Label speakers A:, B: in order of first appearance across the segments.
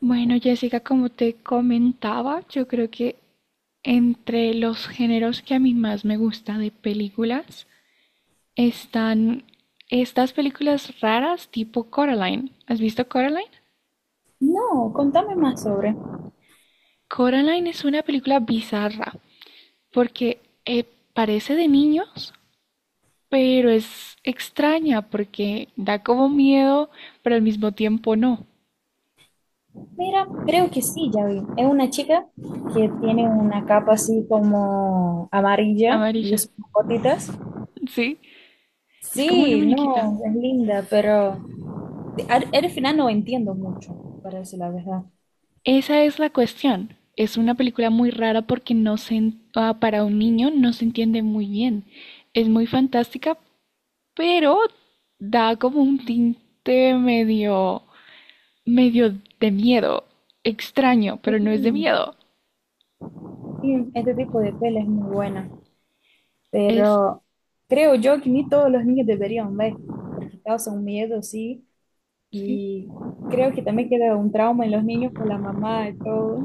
A: Bueno, Jessica, como te comentaba, yo creo que entre los géneros que a mí más me gusta de películas están estas películas raras tipo Coraline. ¿Has visto Coraline?
B: No, contame más sobre.
A: Coraline es una película bizarra porque parece de niños, pero es extraña porque da como miedo, pero al mismo tiempo no.
B: Mira, creo que sí, ya vi. Es una chica que tiene una capa así como amarilla y
A: Amarilla,
B: es como gotitas.
A: ¿sí? Es como una
B: Sí,
A: muñequita.
B: no, es linda, pero al final no entiendo mucho, para decir la verdad.
A: Esa es la cuestión. Es una película muy rara porque no se, para un niño no se entiende muy bien. Es muy fantástica, pero da como un tinte medio, medio de miedo. Extraño,
B: Sí,
A: pero no es de miedo.
B: sí, este tipo de tela es muy buena,
A: Es,
B: pero creo yo que ni todos los niños deberían ver, porque causa un miedo, sí,
A: sí.
B: y creo que también queda un trauma en los niños por la mamá y todo.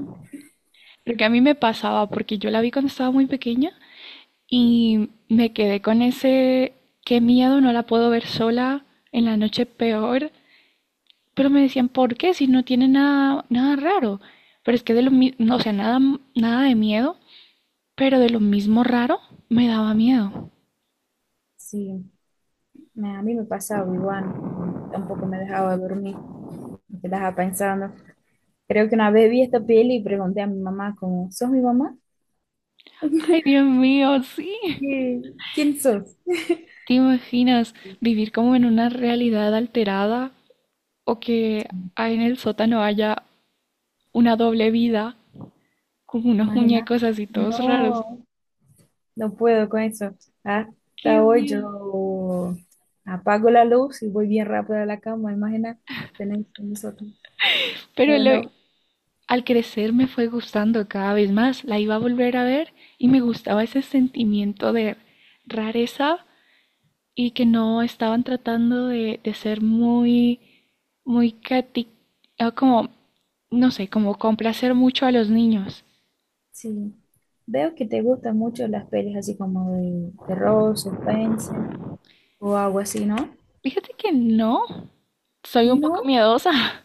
A: Creo que a mí me pasaba porque yo la vi cuando estaba muy pequeña y me quedé con ese, qué miedo, no la puedo ver sola en la noche peor. Pero me decían, ¿por qué? Si no tiene nada, nada raro. Pero es que de lo mismo, o sea, nada, nada de miedo, pero de lo mismo raro me daba miedo.
B: Sí. A mí me pasaba igual, tampoco me dejaba dormir, me quedaba pensando. Creo que una vez vi esta peli y pregunté a mi mamá como, ¿sos mi mamá?
A: Ay, Dios mío, sí.
B: ¿Qué- ¿Quién sos?
A: ¿Te imaginas vivir como en una realidad alterada o que ahí en el sótano haya una doble vida con unos
B: Imagina,
A: muñecos así todos raros?
B: no, no puedo con eso.
A: Qué
B: Hasta hoy
A: miedo.
B: yo apago la luz y voy bien rápido a la cama, imagina, tenéis nosotros.
A: Pero
B: No,
A: lo-
B: no,
A: Al crecer me fue gustando cada vez más. La iba a volver a ver y me gustaba ese sentimiento de rareza, y que no estaban tratando de ser muy, muy cati- como, no sé, como complacer mucho a los niños.
B: sí. Veo que te gustan mucho las pelis así como de terror, suspense o algo así, ¿no?
A: Fíjate que no, soy un poco
B: No,
A: miedosa.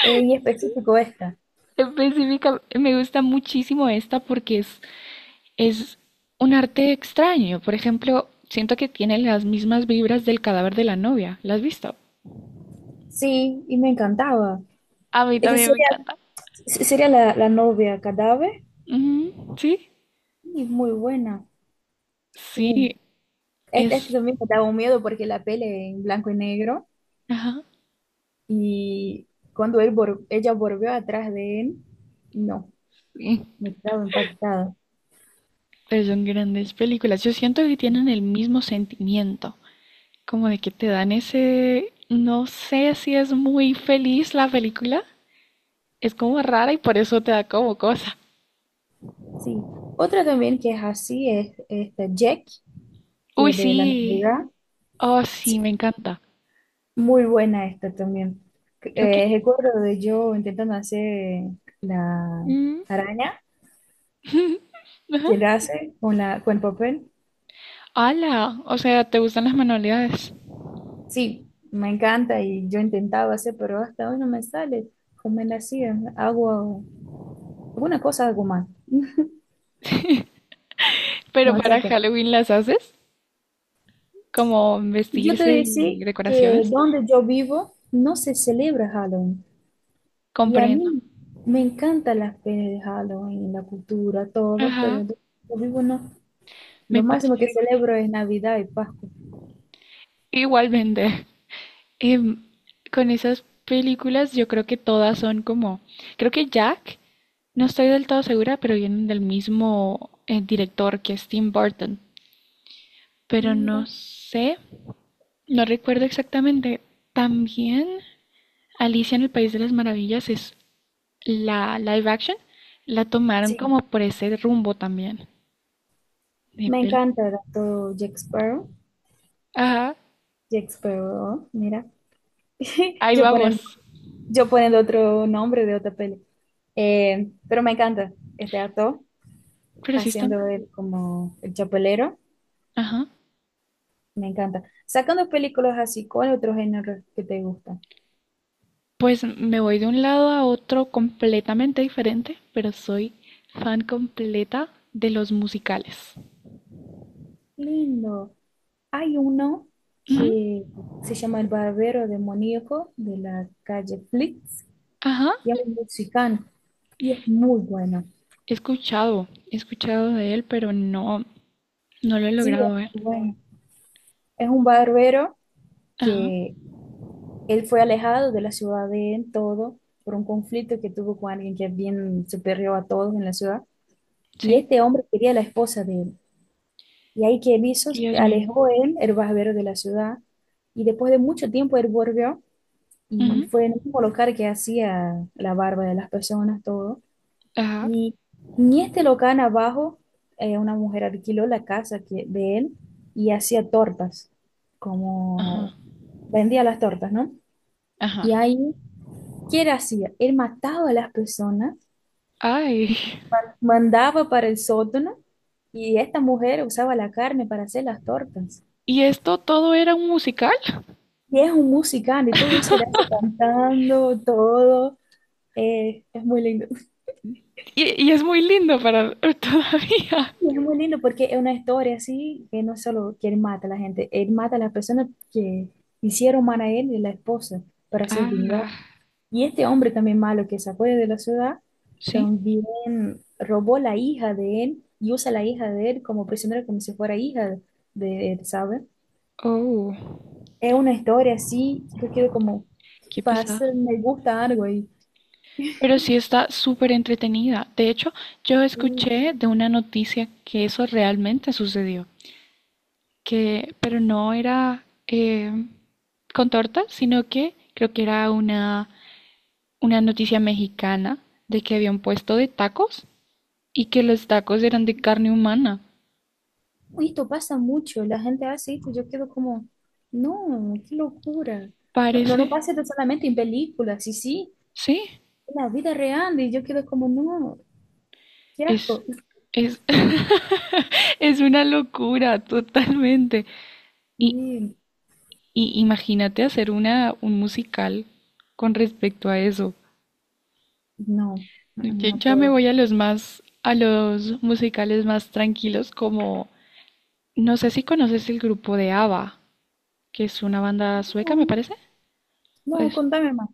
B: en específico esta.
A: Específica, me gusta muchísimo esta porque es un arte extraño. Por ejemplo, siento que tiene las mismas vibras del cadáver de la novia. ¿La has visto?
B: Sí, y me encantaba.
A: A mí
B: Es que
A: también me
B: sería,
A: encanta.
B: sería la novia cadáver
A: Ujú, sí,
B: y es muy buena. Uh,
A: sí,
B: este
A: es...
B: también me daba un miedo porque la pele en blanco y negro
A: Ajá.
B: y cuando ella volvió atrás de él, no,
A: Sí.
B: me quedaba impactada.
A: Pero son grandes películas. Yo siento que tienen el mismo sentimiento, como de que te dan ese, no sé si es muy feliz la película, es como rara y por eso te da como cosa.
B: Sí. Otra también que es así es esta Jack, que
A: Uy,
B: es de la
A: sí.
B: Navidad.
A: Oh,
B: Sí,
A: sí, me encanta.
B: muy buena esta también.
A: Creo que...
B: Recuerdo de yo intentando hacer la
A: Mm.
B: araña
A: Ajá.
B: que él hace con la, con el papel.
A: Ala, o sea, ¿te gustan las manualidades?
B: Sí, me encanta y yo intentaba hacer, pero hasta hoy no me sale como él hacía. Hago alguna cosa, algo más.
A: Pero
B: No
A: para
B: sé qué.
A: Halloween las haces, como
B: Yo te
A: vestirse
B: decía
A: y
B: que
A: decoraciones.
B: donde yo vivo no se celebra Halloween. Y a
A: Comprendo.
B: mí me encantan las ferias de Halloween, la cultura, todo, pero
A: Ajá,
B: donde yo vivo no.
A: me
B: Lo
A: pasa
B: máximo que
A: igual.
B: celebro es Navidad y Pascua.
A: Igualmente. Em, con esas películas yo creo que todas son como, creo que Jack, no estoy del todo segura, pero vienen del mismo director que es Tim Burton, pero no
B: Mira,
A: sé, no recuerdo exactamente. También Alicia en el País de las Maravillas es la live action, la tomaron
B: sí,
A: como por ese rumbo también de
B: me
A: pel-
B: encanta todo Jack Sparrow.
A: Ajá,
B: Jack Sparrow, mira.
A: ahí
B: Yo poniendo
A: vamos.
B: yo poniendo otro nombre de otra peli. Pero me encanta este actor
A: Pero sí están.
B: haciendo él como el chapelero.
A: Ajá.
B: Me encanta. Sacando películas así, ¿cuál otro género que te gusta?
A: Pues me voy de un lado a otro completamente diferente, pero soy fan completa de los musicales.
B: Lindo. Hay uno
A: Ujú,
B: que se llama El Barbero Demoníaco de la calle Flix,
A: ajá,
B: y es un mexicano y es muy bueno.
A: he escuchado de él, pero no, no lo he
B: Sí,
A: logrado
B: es
A: ver.
B: muy bueno. Es un barbero
A: Ajá,
B: que él fue alejado de la ciudad de en todo por un conflicto que tuvo con alguien que es bien superior a todos en la ciudad. Y
A: sí,
B: este hombre quería la esposa de él. Y ahí que él hizo,
A: Dios mío.
B: alejó él, el barbero de la ciudad. Y después de mucho tiempo él volvió y fue
A: Ujú,
B: en un mismo local que hacía la barba de las personas, todo.
A: ajá,
B: Y en este local abajo, una mujer alquiló la casa que, de él y hacía tortas,
A: ajá,
B: como vendía las tortas, ¿no?
A: ajá.
B: Y ahí ¿que él hacía? Él mataba a las personas,
A: Ay,
B: mandaba para el sótano y esta mujer usaba la carne para hacer las tortas.
A: ¿y esto todo era un musical?
B: Y es un musical y todo eso, él hace cantando, todo. Es muy lindo.
A: Y es muy lindo para todavía.
B: Es muy lindo porque es una historia así, que no es solo que él mata a la gente, él mata a las personas que hicieron mal a él y a la esposa para ser vengado.
A: Ah,
B: Y este hombre también malo que se acuerda de la ciudad,
A: sí.
B: también robó la hija de él y usa la hija de él como prisionera, como si fuera hija de él, ¿sabes?
A: Oh,
B: Es una historia así, yo quedo como,
A: qué pesado.
B: pasa, me gusta algo
A: Pero sí está súper entretenida. De hecho, yo
B: y
A: escuché de una noticia que eso realmente sucedió, que, pero no era con torta, sino que creo que era una noticia mexicana de que había un puesto de tacos y que los tacos eran de carne humana.
B: esto pasa mucho, la gente hace esto, yo quedo como, no, qué locura. No, no,
A: Parece,
B: no pasa esto solamente en películas, sí, sí,
A: sí,
B: en la vida real y yo quedo como, no, qué
A: es,
B: asco.
A: es, es una locura totalmente. Y,
B: Y,
A: y imagínate hacer una, un musical con respecto a eso.
B: no, no
A: Yo
B: no
A: ya me
B: puedo.
A: voy a los más, a los musicales más tranquilos, como, no sé si conoces el grupo de ABBA, que es una banda sueca, me
B: No,
A: parece. ¿O
B: no,
A: es?
B: contame más.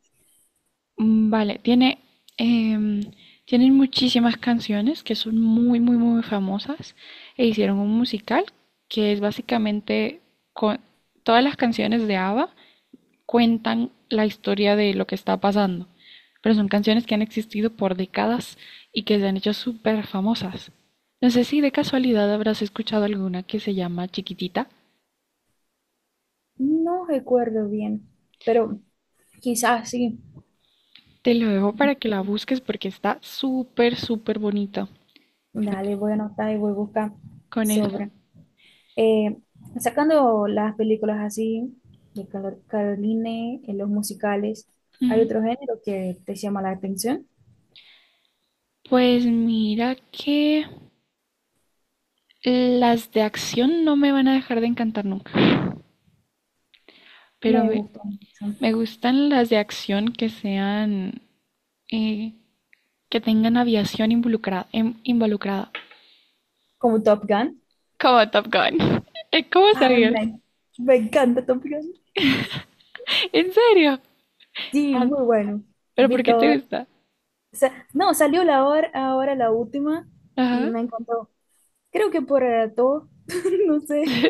A: Vale, tiene, em, tienen muchísimas canciones que son muy, muy, muy famosas e hicieron un musical que es básicamente con todas las canciones de ABBA cuentan la historia de lo que está pasando, pero son canciones que han existido por décadas y que se han hecho súper famosas. No sé si de casualidad habrás escuchado alguna que se llama Chiquitita.
B: No recuerdo bien, pero quizás sí.
A: Te lo dejo para que la busques porque está súper, súper bonita.
B: Dale, voy a anotar y voy a buscar
A: Con eso.
B: sobre. Eh, sacando las películas así, de Caroline, en los musicales, ¿hay
A: Ujú.
B: otro género que te llama la atención?
A: Pues mira que las de acción no me van a dejar de encantar nunca. Pero
B: Me
A: me,
B: gusta mucho.
A: me gustan las de acción que sean eh, que tengan aviación involucrada, involucrada.
B: Como Top Gun.
A: Como Top Gun. ¿Cómo
B: Ah,
A: sabías?
B: me encanta Top Gun.
A: ¿En serio?
B: Sí,
A: Ah,
B: muy bueno.
A: ¿pero por
B: Vi
A: qué te
B: todo.
A: gusta?
B: No, salió la hora, ahora la última y
A: Ajá.
B: me encantó. Creo que por todo, no sé.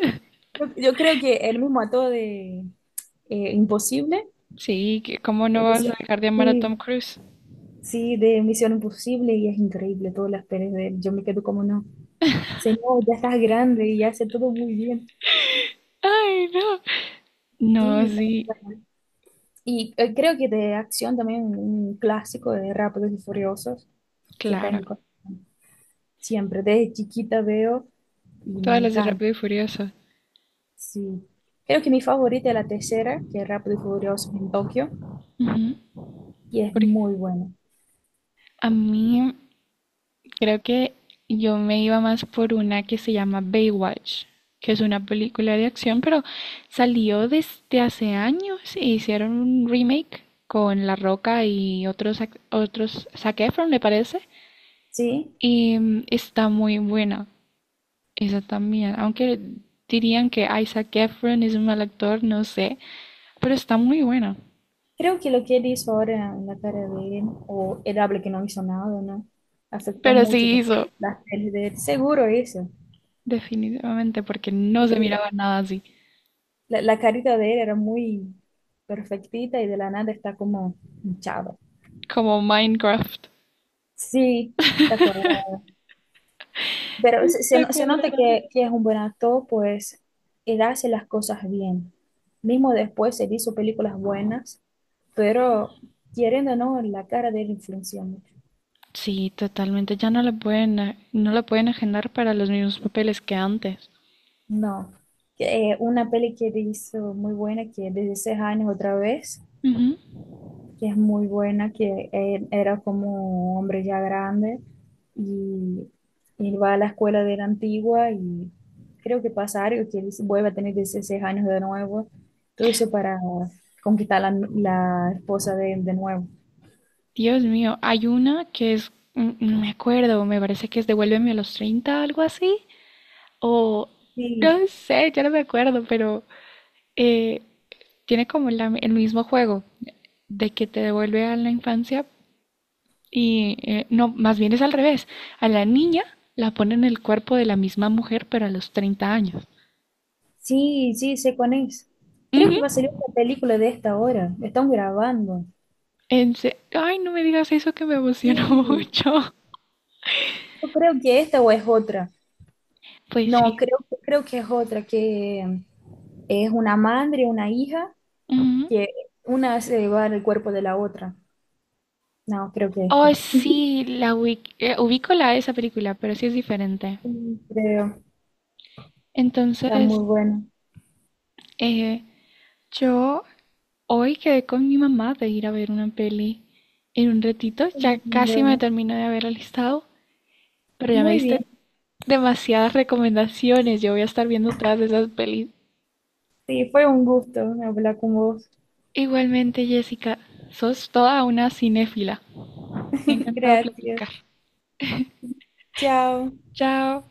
B: Yo creo que el mismo actor de Imposible,
A: Sí, que ¿cómo no vas a
B: dice-
A: dejar de amar a Tom
B: sí,
A: Cruise?
B: sí, de Misión Imposible, y es increíble todas las pelis de él. Yo me quedo como no. Señor, ya estás grande y hace todo muy bien.
A: Ay, no. No,
B: Sí, tal
A: sí,
B: cual. Y creo que de acción también un clásico de Rápidos y Furiosos, que está en
A: claro.
B: mi corazón. Siempre, desde chiquita veo y me
A: Todas las de
B: encanta.
A: Rápido y Furioso.
B: Sí. Creo que mi favorita es la tercera, que es Rápido y Furiosos en Tokio,
A: Ujú.
B: y es
A: Porque
B: muy buena.
A: a mí creo que yo me iba más por una que se llama Baywatch, que es una película de acción, pero salió desde hace años e hicieron un remake con La Roca y otros, otros Zac Efron, me parece,
B: Sí.
A: y está muy buena esa también, aunque dirían que Isaac Efron es un mal actor, no sé, pero está muy buena.
B: Creo que lo que él hizo ahora en la cara de él, o él habla que no hizo nada, ¿no? Afectó
A: Pero
B: mucho
A: sí
B: tam-
A: hizo,
B: las peles de él. Seguro eso.
A: definitivamente, porque no se
B: Y la,
A: miraba nada así,
B: la- la carita de él era muy perfectita y de la nada está como hinchada.
A: como Minecraft.
B: Sí, de acuerdo. Pero se no- se
A: Recuerdo.
B: nota que es un buen actor, pues él hace las cosas bien. Mismo después él hizo películas buenas, pero queriendo o no, la cara de él influencia mucho.
A: Sí, totalmente. Ya no la pueden, no la pueden agendar para los mismos papeles que antes.
B: No. Una peli que él hizo muy buena, que es de 16 años otra vez,
A: Ujú.
B: que es muy buena, que él era como un hombre ya grande y él va a la escuela de la antigua y creo que pasa algo, que él vuelve a tener 16 años de nuevo, todo eso para conquistar la esposa de él de nuevo.
A: Dios mío, hay una que es, no me acuerdo, me parece que es Devuélveme a los 30, algo así. O,
B: Sí,
A: no sé, ya no me acuerdo, pero eh, tiene como el mismo juego de que te devuelve a la infancia y, no, más bien es al revés. A la niña la ponen en el cuerpo de la misma mujer, pero a los 30 años.
B: sí, sí, sé cuál es. Creo
A: Ujú.
B: que va a salir una película de esta hora, están grabando.
A: Ay, no me digas eso que me emocionó
B: Sí,
A: mucho.
B: yo creo que esta o es otra.
A: Pues
B: No,
A: sí.
B: creo que es otra, que es una madre, una hija,
A: Ujú.
B: que una se lleva el cuerpo de la otra. No, creo que
A: Oh,
B: esta.
A: sí, ubico la esa película, pero sí es diferente.
B: Mm, Creo, está
A: Entonces,
B: muy bueno.
A: eh, yo hoy quedé con mi mamá de ir a ver una peli en un ratito. Ya casi me
B: Bueno,
A: termino de haber alistado, pero ya me
B: muy
A: diste
B: bien,
A: demasiadas recomendaciones. Yo voy a estar viendo todas esas pelis.
B: sí, fue un gusto hablar con vos.
A: Igualmente, Jessica, sos toda una cinéfila. Me ha encantado
B: Gracias.
A: platicar.
B: Chao.
A: Chao.